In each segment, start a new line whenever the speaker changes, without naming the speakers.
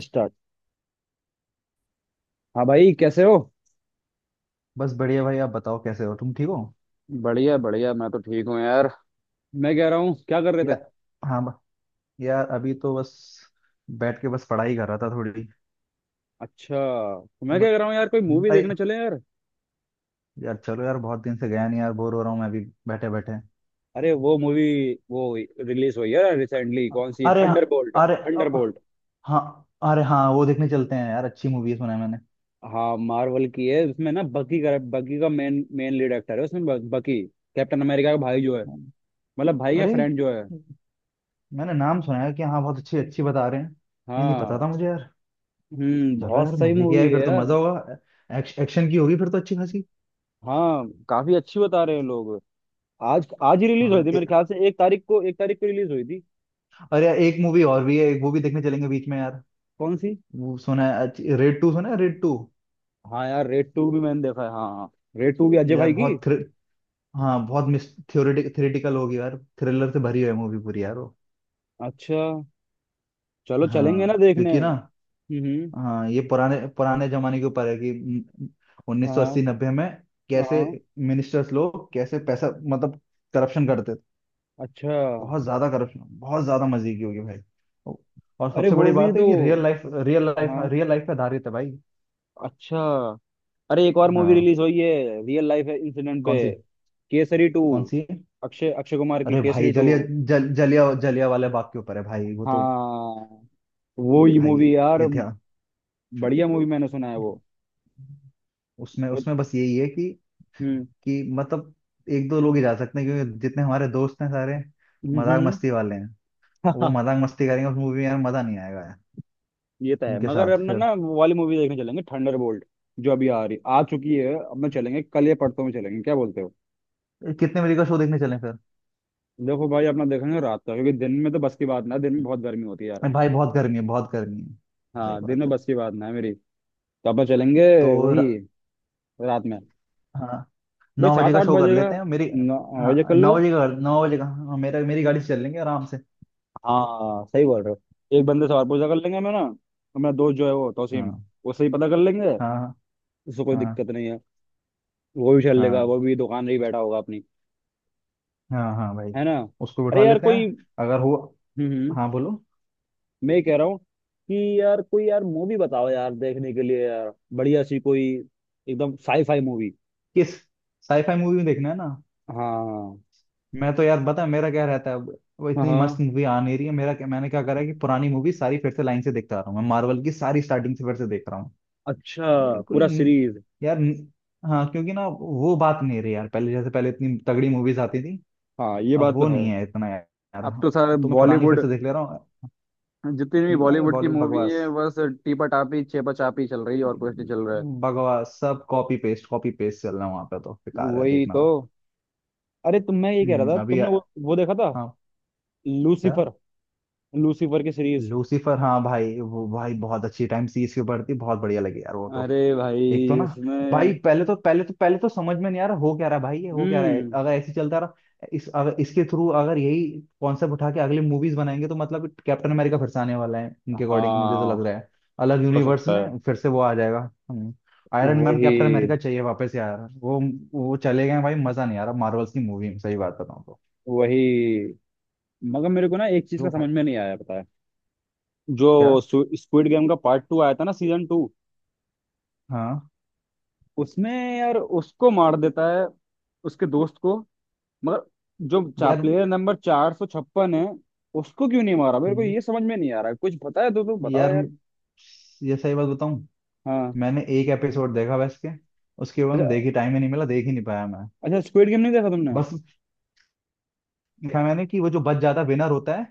Start. हाँ भाई, कैसे हो?
बस बढ़िया भाई। आप बताओ कैसे हो, तुम ठीक हो?
बढ़िया बढ़िया। मैं तो ठीक हूँ यार। मैं कह रहा हूँ, क्या कर रहे
या
थे?
हाँ ब- यार अभी तो बस बैठ के बस पढ़ाई कर रहा था थोड़ी।
अच्छा। तो
तो
मैं
बस
क्या कह रहा हूँ यार, कोई मूवी
अरे
देखने चले यार।
यार चलो यार, बहुत दिन से गया नहीं यार, बोर हो रहा हूँ मैं अभी बैठे बैठे।
अरे वो मूवी, वो रिलीज हुई है रिसेंटली, कौन सी,
अरे हाँ।
थंडरबोल्ट
अरे अ,
थंडरबोल्ट।
हाँ अरे हाँ, वो देखने चलते हैं यार, अच्छी मूवी है सुना है मैंने।
हाँ, मार्वल की है। उसमें ना, बकी का मेन मेन लीड एक्टर है उसमें, बकी। कैप्टन अमेरिका का भाई जो है,
हम्म,
मतलब भाई या
अरे
फ्रेंड जो है।
मैंने नाम सुना है कि हाँ, बहुत अच्छी अच्छी बता रहे हैं। ये नहीं पता
हाँ।
था मुझे यार।
हम्म,
चलो
बहुत
यार,
सही
मजे की
मूवी
आई
है
फिर तो
यार।
मजा होगा। एक्शन की होगी फिर तो अच्छी खासी।
हाँ, काफी अच्छी बता रहे हैं लोग। आज आज ही रिलीज हुई
हाँ
थी मेरे
ए,
ख्याल से, एक तारीख को रिलीज हुई थी।
अरे यार एक मूवी और भी है, एक वो भी देखने चलेंगे बीच में यार।
कौन सी?
वो सुना है रेड टू सुना है रेड टू।
हाँ यार, रेड टू भी मैंने देखा है। हाँ हाँ, रेड टू भी अजय
यार
भाई की।
बहुत थ्रि, हाँ बहुत मिस थ्योरेटिक थ्योरेटिकल होगी यार, थ्रिलर से भरी है मूवी पूरी यार वो।
अच्छा। चलो, चलेंगे
हाँ
ना देखने।
क्योंकि ना,
हम्म।
हाँ ये पुराने पुराने जमाने के ऊपर है कि उन्नीस सौ
हाँ।
अस्सी नब्बे में कैसे
हाँ।
मिनिस्टर्स लोग कैसे पैसा मतलब करप्शन करते थे।
अच्छा।
बहुत ज्यादा करप्शन, बहुत ज्यादा मजे की होगी भाई। और
अरे
सबसे
वो
बड़ी
भी
बात है
तो।
कि रियल लाइफ रियल लाइफ
हाँ।
रियल लाइफ पे आधारित है भाई।
अच्छा। अरे, एक और मूवी
हाँ।
रिलीज हुई है, रियल लाइफ इंसिडेंट पे।
कौन सी?
केसरी टू।
कौन सी?
अक्षय अक्षय कुमार की
अरे भाई
केसरी टू।
जलिया, जलिया वाले बाग के ऊपर है भाई वो तो।
हाँ, वो ही
भाई
मूवी यार।
इतिहास।
बढ़िया मूवी, मैंने सुना है वो।
उसमें उसमें बस यही है
हम्म।
कि मतलब एक दो लोग ही जा सकते हैं क्योंकि जितने हमारे दोस्त हैं सारे मजाक
हम्म।
मस्ती वाले हैं। वो मजाक मस्ती करेंगे उस मूवी में यार, मजा नहीं आएगा यार
ये तो है,
उनके
मगर
साथ
अपना
फिर।
ना, वो वाली मूवी देखने चलेंगे, थंडरबोल्ट। जो अभी आ रही, आ चुकी है अब ना, चलेंगे कल या परसों में, चलेंगे, क्या बोलते हो?
कितने बजे का शो देखने चलें फिर?
देखो भाई, अपना देखेंगे रात का, क्योंकि दिन में तो बस की बात ना है, दिन में बहुत गर्मी होती है यार।
अरे भाई बहुत गर्मी है, बहुत गर्मी है। सही
हाँ, दिन
बात
में
है।
बस की बात ना है मेरी। तो अपना चलेंगे
तो
वही,
र-
रात में।
हाँ
भाई,
नौ बजे
सात
का
आठ
शो कर
बजेगा।
लेते हैं मेरी।
9 बजे
हाँ
कर
नौ
लो।
बजे का, नौ बजे का, हाँ, मेरा मेरी गाड़ी से चल लेंगे आराम से।
हाँ, सही बोल रहे हो। एक बंदे से और पूछा कर लेंगे हम, है ना? अपना दोस्त जो है वो,
हाँ।
तौसीम। उससे ही पता कर लेंगे।
हाँ
उससे कोई
हाँ
दिक्कत नहीं है। वो भी चल लेगा,
हाँ।
वो भी दुकान में ही बैठा होगा अपनी,
हाँ हाँ भाई,
है ना?
उसको बिठा
अरे यार
लेते
कोई,
हैं अगर हो।
हम्म,
हाँ बोलो।
मैं कह रहा हूँ कि, यार कोई यार मूवी बताओ यार देखने के लिए यार, बढ़िया सी कोई। एकदम साई फाई मूवी।
किस साईफाई मूवी में देखना है ना?
हाँ।
मैं तो यार, बता मेरा क्या रहता है। वो
हाँ।
इतनी मस्त
हाँ।
मूवी आ नहीं रही है। मेरा क्या, मैंने क्या करा है कि पुरानी मूवी सारी फिर से लाइन से देखता आ रहा हूँ मैं, मार्वल की सारी स्टार्टिंग से फिर से देख रहा हूँ।
अच्छा,
यार कोई
पूरा
न-
सीरीज।
यार न- हाँ क्योंकि ना वो बात नहीं रही यार, पहले जैसे पहले इतनी तगड़ी मूवीज आती थी,
हाँ, ये
अब
बात तो
वो
है।
नहीं है इतना यार। यार,
अब तो सारे
तो मैं पुरानी फिर
बॉलीवुड,
से देख ले रहा हूँ।
जितनी भी
अरे
बॉलीवुड की
बॉलीवुड
मूवी
बकवास,
है, बस टीपा टापी चेपा चापी चल रही है और कुछ नहीं चल रहा है।
बकवास, सब कॉपी पेस्ट, कॉपी पेस्ट चल रहा है, वहां पे तो बेकार है
वही
देखना
तो।
वो।
अरे तुम, मैं ये कह रहा था,
हम्म, अभी
तुमने
आ-
वो देखा था,
हाँ। क्या?
लूसीफर। लूसीफर की सीरीज।
लूसीफर? हाँ भाई वो भाई बहुत अच्छी टाइम सीरीज के ऊपर थी, बहुत बढ़िया लगी यार वो तो।
अरे भाई
एक तो ना
उसमें,
भाई, पहले तो समझ में नहीं आ रहा हो क्या रहा है, भाई ये हो क्या रहा है।
हम्म,
अगर ऐसे ही चलता रहा इस अगर इसके थ्रू अगर यही कॉन्सेप्ट उठा के अगली मूवीज बनाएंगे तो मतलब कैप्टन अमेरिका फिर से आने वाला है इनके अकॉर्डिंग, मुझे तो
हाँ,
लग रहा है अलग
हो
यूनिवर्स
सकता है।
में फिर से वो आ जाएगा। आयरन मैन कैप्टन
वही
अमेरिका चाहिए वापस यार वो। वो चले गए भाई, मजा नहीं आ रहा मार्वल्स की मूवी में सही बात बताऊं तो।
वही। मगर मेरे को ना, एक चीज का
जो भाई,
समझ में नहीं आया, पता है? जो
क्या?
स्क्विड गेम का पार्ट टू आया था ना, सीजन टू,
हाँ।
उसमें, यार उसको मार देता है, उसके दोस्त को, मगर जो
यार
प्लेयर नंबर 456 है, उसको क्यों नहीं मारा, मेरे को
हम्म,
ये समझ में नहीं आ रहा है। कुछ पता है तो तुम बताओ
यार
यार।
ये सही बात बताऊं,
हाँ।
मैंने एक एपिसोड देखा बस के, उसके बाद में
अच्छा।
देखी, टाइम ही नहीं मिला, देख ही नहीं पाया मैं।
अच्छा, स्क्विड गेम नहीं देखा तुमने?
बस देखा मैंने कि वो जो बच जाता विनर होता है,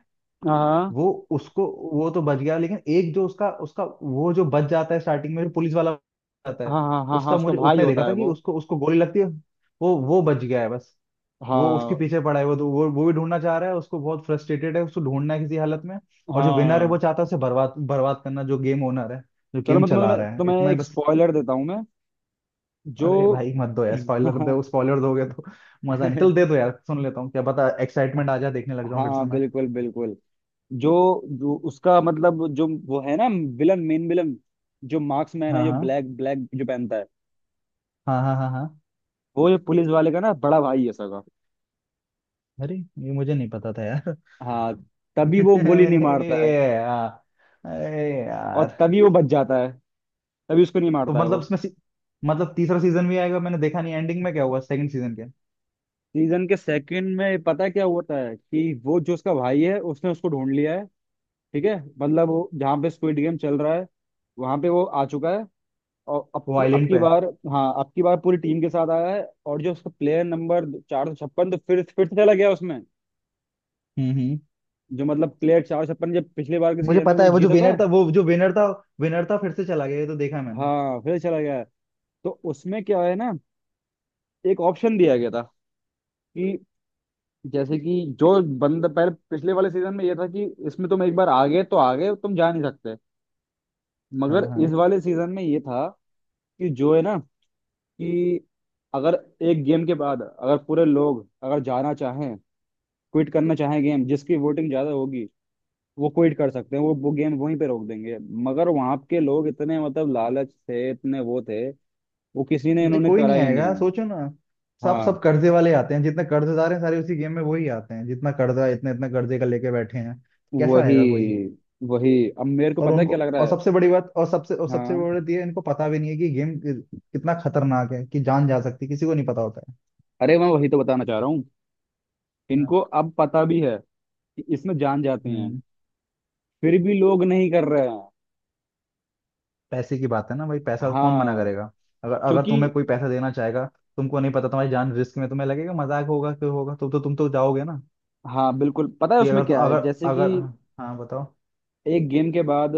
हाँ
वो उसको, वो तो बच गया, लेकिन एक जो उसका उसका वो जो बच जाता है स्टार्टिंग में जो पुलिस वाला आता है,
हाँ हाँ हाँ, हाँ
उसका
उसका
मुझे
भाई
उतना ही देखा
होता है
था कि
वो।
उसको उसको गोली लगती है। वो बच गया है बस। वो उसके
हाँ
पीछे पड़ा है वो तो, वो भी ढूंढना चाह रहा है उसको, बहुत फ्रस्ट्रेटेड है, उसको ढूंढना है किसी हालत में। और जो विनर है वो
हाँ।
चाहता है उसे बर्बाद बर्बाद करना, जो गेम ओनर है, जो
चलो
गेम
मतलब, मैं
चला
तुम्हें तुम्हें,
रहा है, इतना
तुम्हें
ही
एक
बस।
स्पॉइलर देता हूँ मैं। जो,
अरे भाई मत दो यार स्पॉइलर, दो स्पॉइलर दोगे तो मजा नहीं, चल दे दो यार, सुन लेता हूँ, क्या पता एक्साइटमेंट आ जाए, देखने लग जाऊँ फिर से
हाँ
मैं।
बिल्कुल बिल्कुल। जो, जो उसका मतलब, जो वो है ना, विलन, मेन विलन, जो मार्क्समैन है,
हाँ
जो
हाँ
ब्लैक ब्लैक जो पहनता है,
हाँ हाँ। हाँ हाँ।
वो जो पुलिस वाले का ना बड़ा भाई है सगा।
अरे ये मुझे नहीं पता था यार।
हाँ। तभी वो गोली नहीं मारता है।
ए यार, ए
और
यार।
तभी वो बच जाता है। तभी उसको नहीं
तो
मारता है
मतलब
वो।
इसमें सी, मतलब तीसरा सीजन भी आएगा? मैंने देखा नहीं एंडिंग में क्या हुआ सेकंड सीजन के।
सीजन के सेकंड में पता है क्या होता है कि वो जो उसका भाई है, उसने उसको ढूंढ लिया है। ठीक है, मतलब वो जहाँ पे स्क्विड गेम चल रहा है, वहां पे वो आ चुका है। और अब
वो
की अब
आइलैंड
की
पे।
बार, हाँ, अब की बार पूरी टीम के साथ आया है। और जो उसका प्लेयर नंबर 456, तो फिर से चला गया उसमें।
हम्म।
जो मतलब, प्लेयर 456, जब पिछले बार के
मुझे
सीजन में
पता
वो
है वो जो
जीता था।
विनर था, वो जो विनर था फिर से चला गया, ये तो देखा मैंने।
हाँ, फिर चला गया है। तो उसमें क्या है ना, एक ऑप्शन दिया गया था कि, जैसे कि, जो बंदा, पहले पिछले वाले सीजन में ये था कि, इसमें तुम एक बार आ गए तो आ गए, तुम जा नहीं सकते। मगर
हाँ
इस
हाँ।
वाले सीजन में ये था कि, जो है ना, कि अगर एक गेम के बाद अगर पूरे लोग अगर जाना चाहें, क्विट करना चाहे गेम, जिसकी वोटिंग ज्यादा होगी, वो क्विट कर सकते हैं। वो गेम वहीं पे रोक देंगे। मगर वहां के लोग इतने मतलब लालच थे, इतने वो थे, वो किसी ने,
नहीं
इन्होंने
कोई
करा
नहीं
ही
आएगा,
नहीं।
सोचो ना, सब
हाँ।
सब कर्जे वाले आते हैं जितने कर्जेदार हैं सारे उसी गेम में वही आते हैं, जितना कर्जा इतने इतने कर्जे का लेके बैठे हैं। कैसा
वही
आएगा कोई।
वही। अब मेरे को
और
पता है क्या
उनको,
लग रहा
और
है।
सबसे बड़ी बात, और सबसे
हाँ।
बड़ी बात ये है, इनको पता भी नहीं है कि गेम कितना खतरनाक है, कि जान जा सकती है, किसी को नहीं पता होता है।
अरे मैं वही तो बताना चाह रहा हूँ।
हाँ,
इनको अब पता भी है कि इसमें जान जाते हैं,
हम्म
फिर भी लोग नहीं कर रहे हैं।
पैसे की बात है ना भाई, पैसा कौन मना
हाँ।
करेगा। अगर अगर
क्योंकि,
तुम्हें कोई पैसा देना चाहेगा, तुमको नहीं पता तुम्हारी जान रिस्क में, तुम्हें लगेगा मजाक होगा, क्यों होगा तो तुम तो जाओगे ना।
हाँ बिल्कुल पता है,
कि
उसमें
अगर तुम
क्या
अगर,
है, जैसे कि,
अगर हाँ हाँ, बताओ।
एक गेम के बाद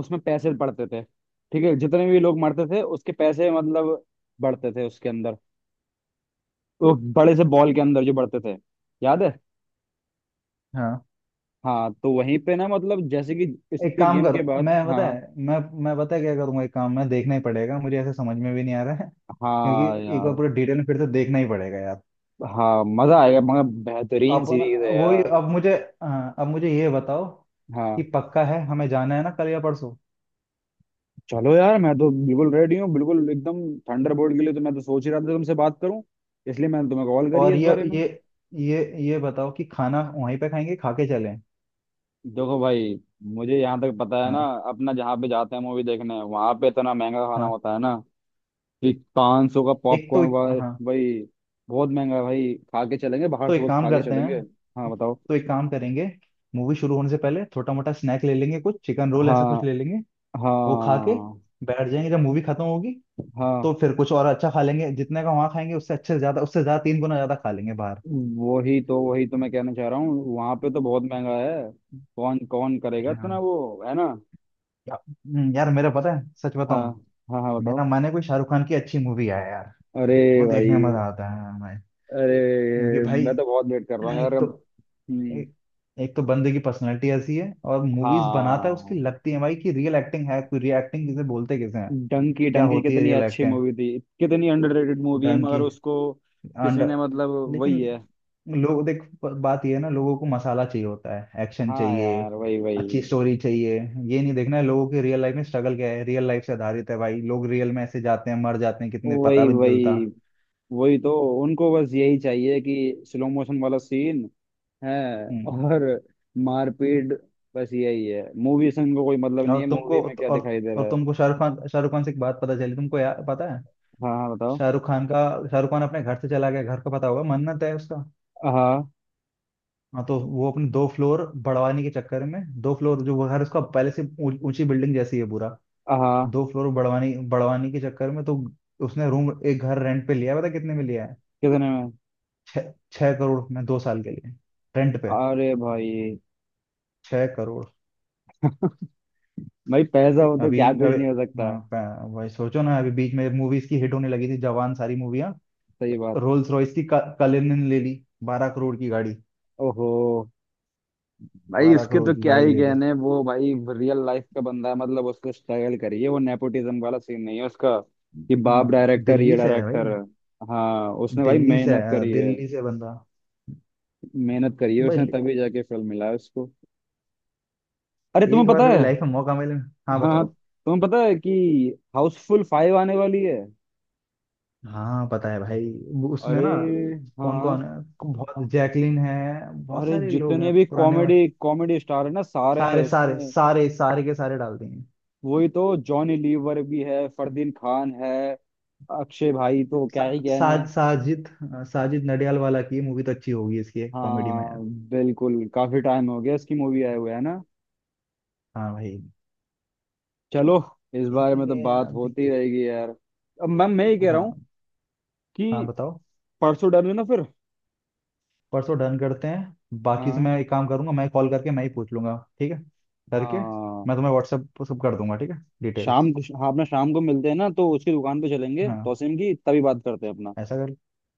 उसमें पैसे बढ़ते थे। ठीक है, जितने भी लोग मरते थे उसके पैसे मतलब बढ़ते थे उसके अंदर, वो बड़े से बॉल के अंदर जो बढ़ते थे, याद है?
हाँ
हाँ, तो वहीं पे ना मतलब, जैसे कि
एक
इसके
काम
गेम
करो,
के बाद,
मैं पता
हाँ।
है मैं पता है क्या करूंगा एक काम, मैं देखना ही पड़ेगा मुझे, ऐसे समझ में भी नहीं आ रहा है
हाँ
क्योंकि एक बार
यार।
पूरे डिटेल में फिर से देखना ही पड़ेगा यार।
हाँ, मजा आएगा मगर। बेहतरीन
अपन,
सीरीज है
वही,
यार।
अब मुझे हाँ, अब मुझे ये बताओ कि
हाँ।
पक्का है हमें जाना है ना कल या परसों?
चलो यार, मैं तो बिल्कुल रेडी हूँ, बिल्कुल एकदम। थंडरबोल्ट के लिए तो मैं तो सोच ही रहा था तुमसे बात करूं, इसलिए मैंने तुम्हें कॉल करी है
और
इस
ये
बारे में।
ये ये बताओ कि खाना वहीं पे खाएंगे खा के चलें?
देखो भाई, मुझे यहाँ तक पता है ना,
हाँ।
अपना जहाँ पे जाते हैं मूवी देखने, वहां पे इतना महंगा खाना
हाँ
होता है ना, कि 500 का पॉपकॉर्न भाई।
हाँ
भाई, बहुत महंगा है भाई। खा के चलेंगे, बाहर
तो
से
एक
कुछ
काम
खा के
करते
चलेंगे। हाँ
हैं,
बताओ।
तो एक काम करेंगे मूवी शुरू होने से पहले, छोटा मोटा स्नैक ले लेंगे कुछ, चिकन रोल ऐसा कुछ
हाँ
ले लेंगे।
हाँ
वो खा के बैठ जाएंगे, जब मूवी खत्म होगी
हाँ।
तो फिर कुछ और अच्छा खा लेंगे, जितने का वहां खाएंगे उससे अच्छे से ज्यादा, उससे ज्यादा 3 गुना ज्यादा खा लेंगे बाहर।
वही तो, वही तो मैं कहना चाह रहा हूँ। वहां पे तो बहुत महंगा है। कौन कौन करेगा इतना,
हाँ
वो है ना?
यार मेरा पता है, सच
हाँ।
बताऊं,
हाँ हाँ बताओ।
मेरा मन है कोई शाहरुख खान की अच्छी मूवी आए यार,
अरे
वो
भाई।
देखने में मजा आता है हमें,
अरे,
क्योंकि भाई
मैं तो बहुत वेट कर रहा हूँ यार
एक तो
अब। हम्म,
एक, एक तो बंदे की पर्सनैलिटी ऐसी है और मूवीज बनाता है उसकी,
हाँ।
लगती है भाई कि रियल एक्टिंग है, कोई रियल एक्टिंग किसे बोलते किसे हैं,
डंकी
क्या
डंकी,
होती है
कितनी
रियल
अच्छी
एक्टिंग,
मूवी थी। कितनी अंडररेटेड मूवी है
ढंग की।
मगर उसको, किसी
अंडा,
ने मतलब,
लेकिन
वही है।
लोग देख बात ये है ना, लोगों को मसाला चाहिए होता है, एक्शन
हाँ
चाहिए,
यार, वही वही।
अच्छी स्टोरी चाहिए, ये नहीं देखना है लोगों के रियल लाइफ में स्ट्रगल क्या है, रियल लाइफ से आधारित है भाई, लोग रियल में ऐसे जाते हैं मर जाते हैं कितने, पता
वही
भी नहीं चलता।
वही। वही तो, उनको बस यही चाहिए कि स्लो मोशन वाला सीन है,
हम्म।
और मारपीट, बस यही है। मूवी से उनको कोई मतलब
और
नहीं है,
तुमको,
मूवी में क्या दिखाई दे
और
रहा है।
तुमको शाहरुख खान, शाहरुख खान से एक बात पता चली तुमको यार पता है?
हाँ। हाँ बताओ।
शाहरुख खान का, शाहरुख खान अपने घर से चला गया, घर का पता होगा मन्नत है उसका।
हाँ
हाँ तो वो अपने 2 फ्लोर बढ़वाने के चक्कर में, 2 फ्लोर, जो वो घर उसका पहले से ऊंची बिल्डिंग जैसी है पूरा,
हाँ।
2 फ्लोर बढ़वाने बढ़वाने के चक्कर में तो उसने रूम एक घर रेंट पे लिया है, पता कितने में लिया है?
कितने में?
छह, 6 करोड़ में 2 साल के लिए रेंट पे।
अरे भाई।
6 करोड़।
भाई, पैसा हो तो
अभी
क्या कुछ
अभी
नहीं हो सकता।
हाँ, वही सोचो ना, अभी बीच में मूवीज की हिट होने लगी थी जवान, सारी मूवियां,
सही बात।
रोल्स रॉयस की कलिनन ले ली, बारह करोड़ की गाड़ी,
ओहो। भाई,
बारह
उसके
करोड़
तो
की
क्या
गाड़ी
ही
लेके।
कहने, वो भाई। रियल लाइफ का बंदा है, मतलब उसको स्ट्रगल करिए, वो नेपोटिज्म वाला सीन नहीं है उसका, कि बाप
हाँ
डायरेक्टर, ये
दिल्ली से है भाई,
डायरेक्टर है। हाँ, उसने भाई
दिल्ली से
मेहनत
है,
करी है।
दिल्ली से बंदा।
मेहनत करी है उसने,
भाई
तभी जाके फिल्म मिला है उसको। अरे तुम्हें
एक बार
पता है,
कभी लाइफ में मौका मिले। हाँ
हाँ हाँ,
बताओ।
तुम्हें पता है कि हाउसफुल फाइव आने वाली है।
हाँ पता है भाई, वो उसमें
अरे
ना कौन
हाँ।
कौन है? बहुत, जैकलिन है, बहुत
अरे,
सारे लोग
जितने
हैं
भी
पुराने और
कॉमेडी कॉमेडी स्टार है ना, सारे हैं
सारे सारे
उसमें।
सारे सारे के सारे डाल देंगे।
वही तो, जॉनी लीवर भी है, फरदीन खान है। अक्षय भाई तो
सा,
क्या ही कहने।
साज साजिद हाँ, साजिद नडियाल वाला की मूवी तो अच्छी होगी इसकी कॉमेडी में
हाँ
यार।
बिल्कुल, काफी टाइम हो गया इसकी मूवी आए हुए, है ना?
हाँ भाई,
चलो, इस बारे में तो
देखेंगे
बात
यार,
होती
देखते
रहेगी यार। अब मैम, मैं ये
हैं।
कह रहा
हाँ
हूँ
हाँ
कि,
बताओ।
परसों डन है ना फिर?
परसों डन करते हैं, बाकी से
हाँ।
मैं एक काम करूंगा मैं कॉल करके मैं ही पूछ लूंगा ठीक है, करके
हाँ।
मैं तुम्हें व्हाट्सएप सब कर दूंगा ठीक है डिटेल्स।
शाम को, हाँ अपना शाम को मिलते हैं ना, तो उसकी दुकान पे चलेंगे,
हाँ
तोसिम की, तभी बात करते हैं अपना।
ऐसा कर,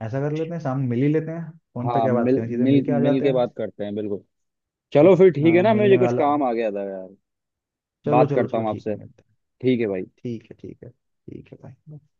ऐसा कर लेते हैं शाम मिल ही लेते हैं, फोन पे
हाँ,
क्या बात
मिल
करें, सीधे मिल
मिल
के आ
मिल
जाते
के बात
हैं।
करते हैं बिल्कुल।
हाँ
चलो फिर, ठीक है
हाँ,
ना।
मिलने
मुझे कुछ
वाला।
काम आ गया था यार।
चलो
बात
चलो
करता
चलो
हूँ
ठीक है,
आपसे।
मिलते हैं।
ठीक है भाई।
ठीक है ठीक है ठीक है भाई।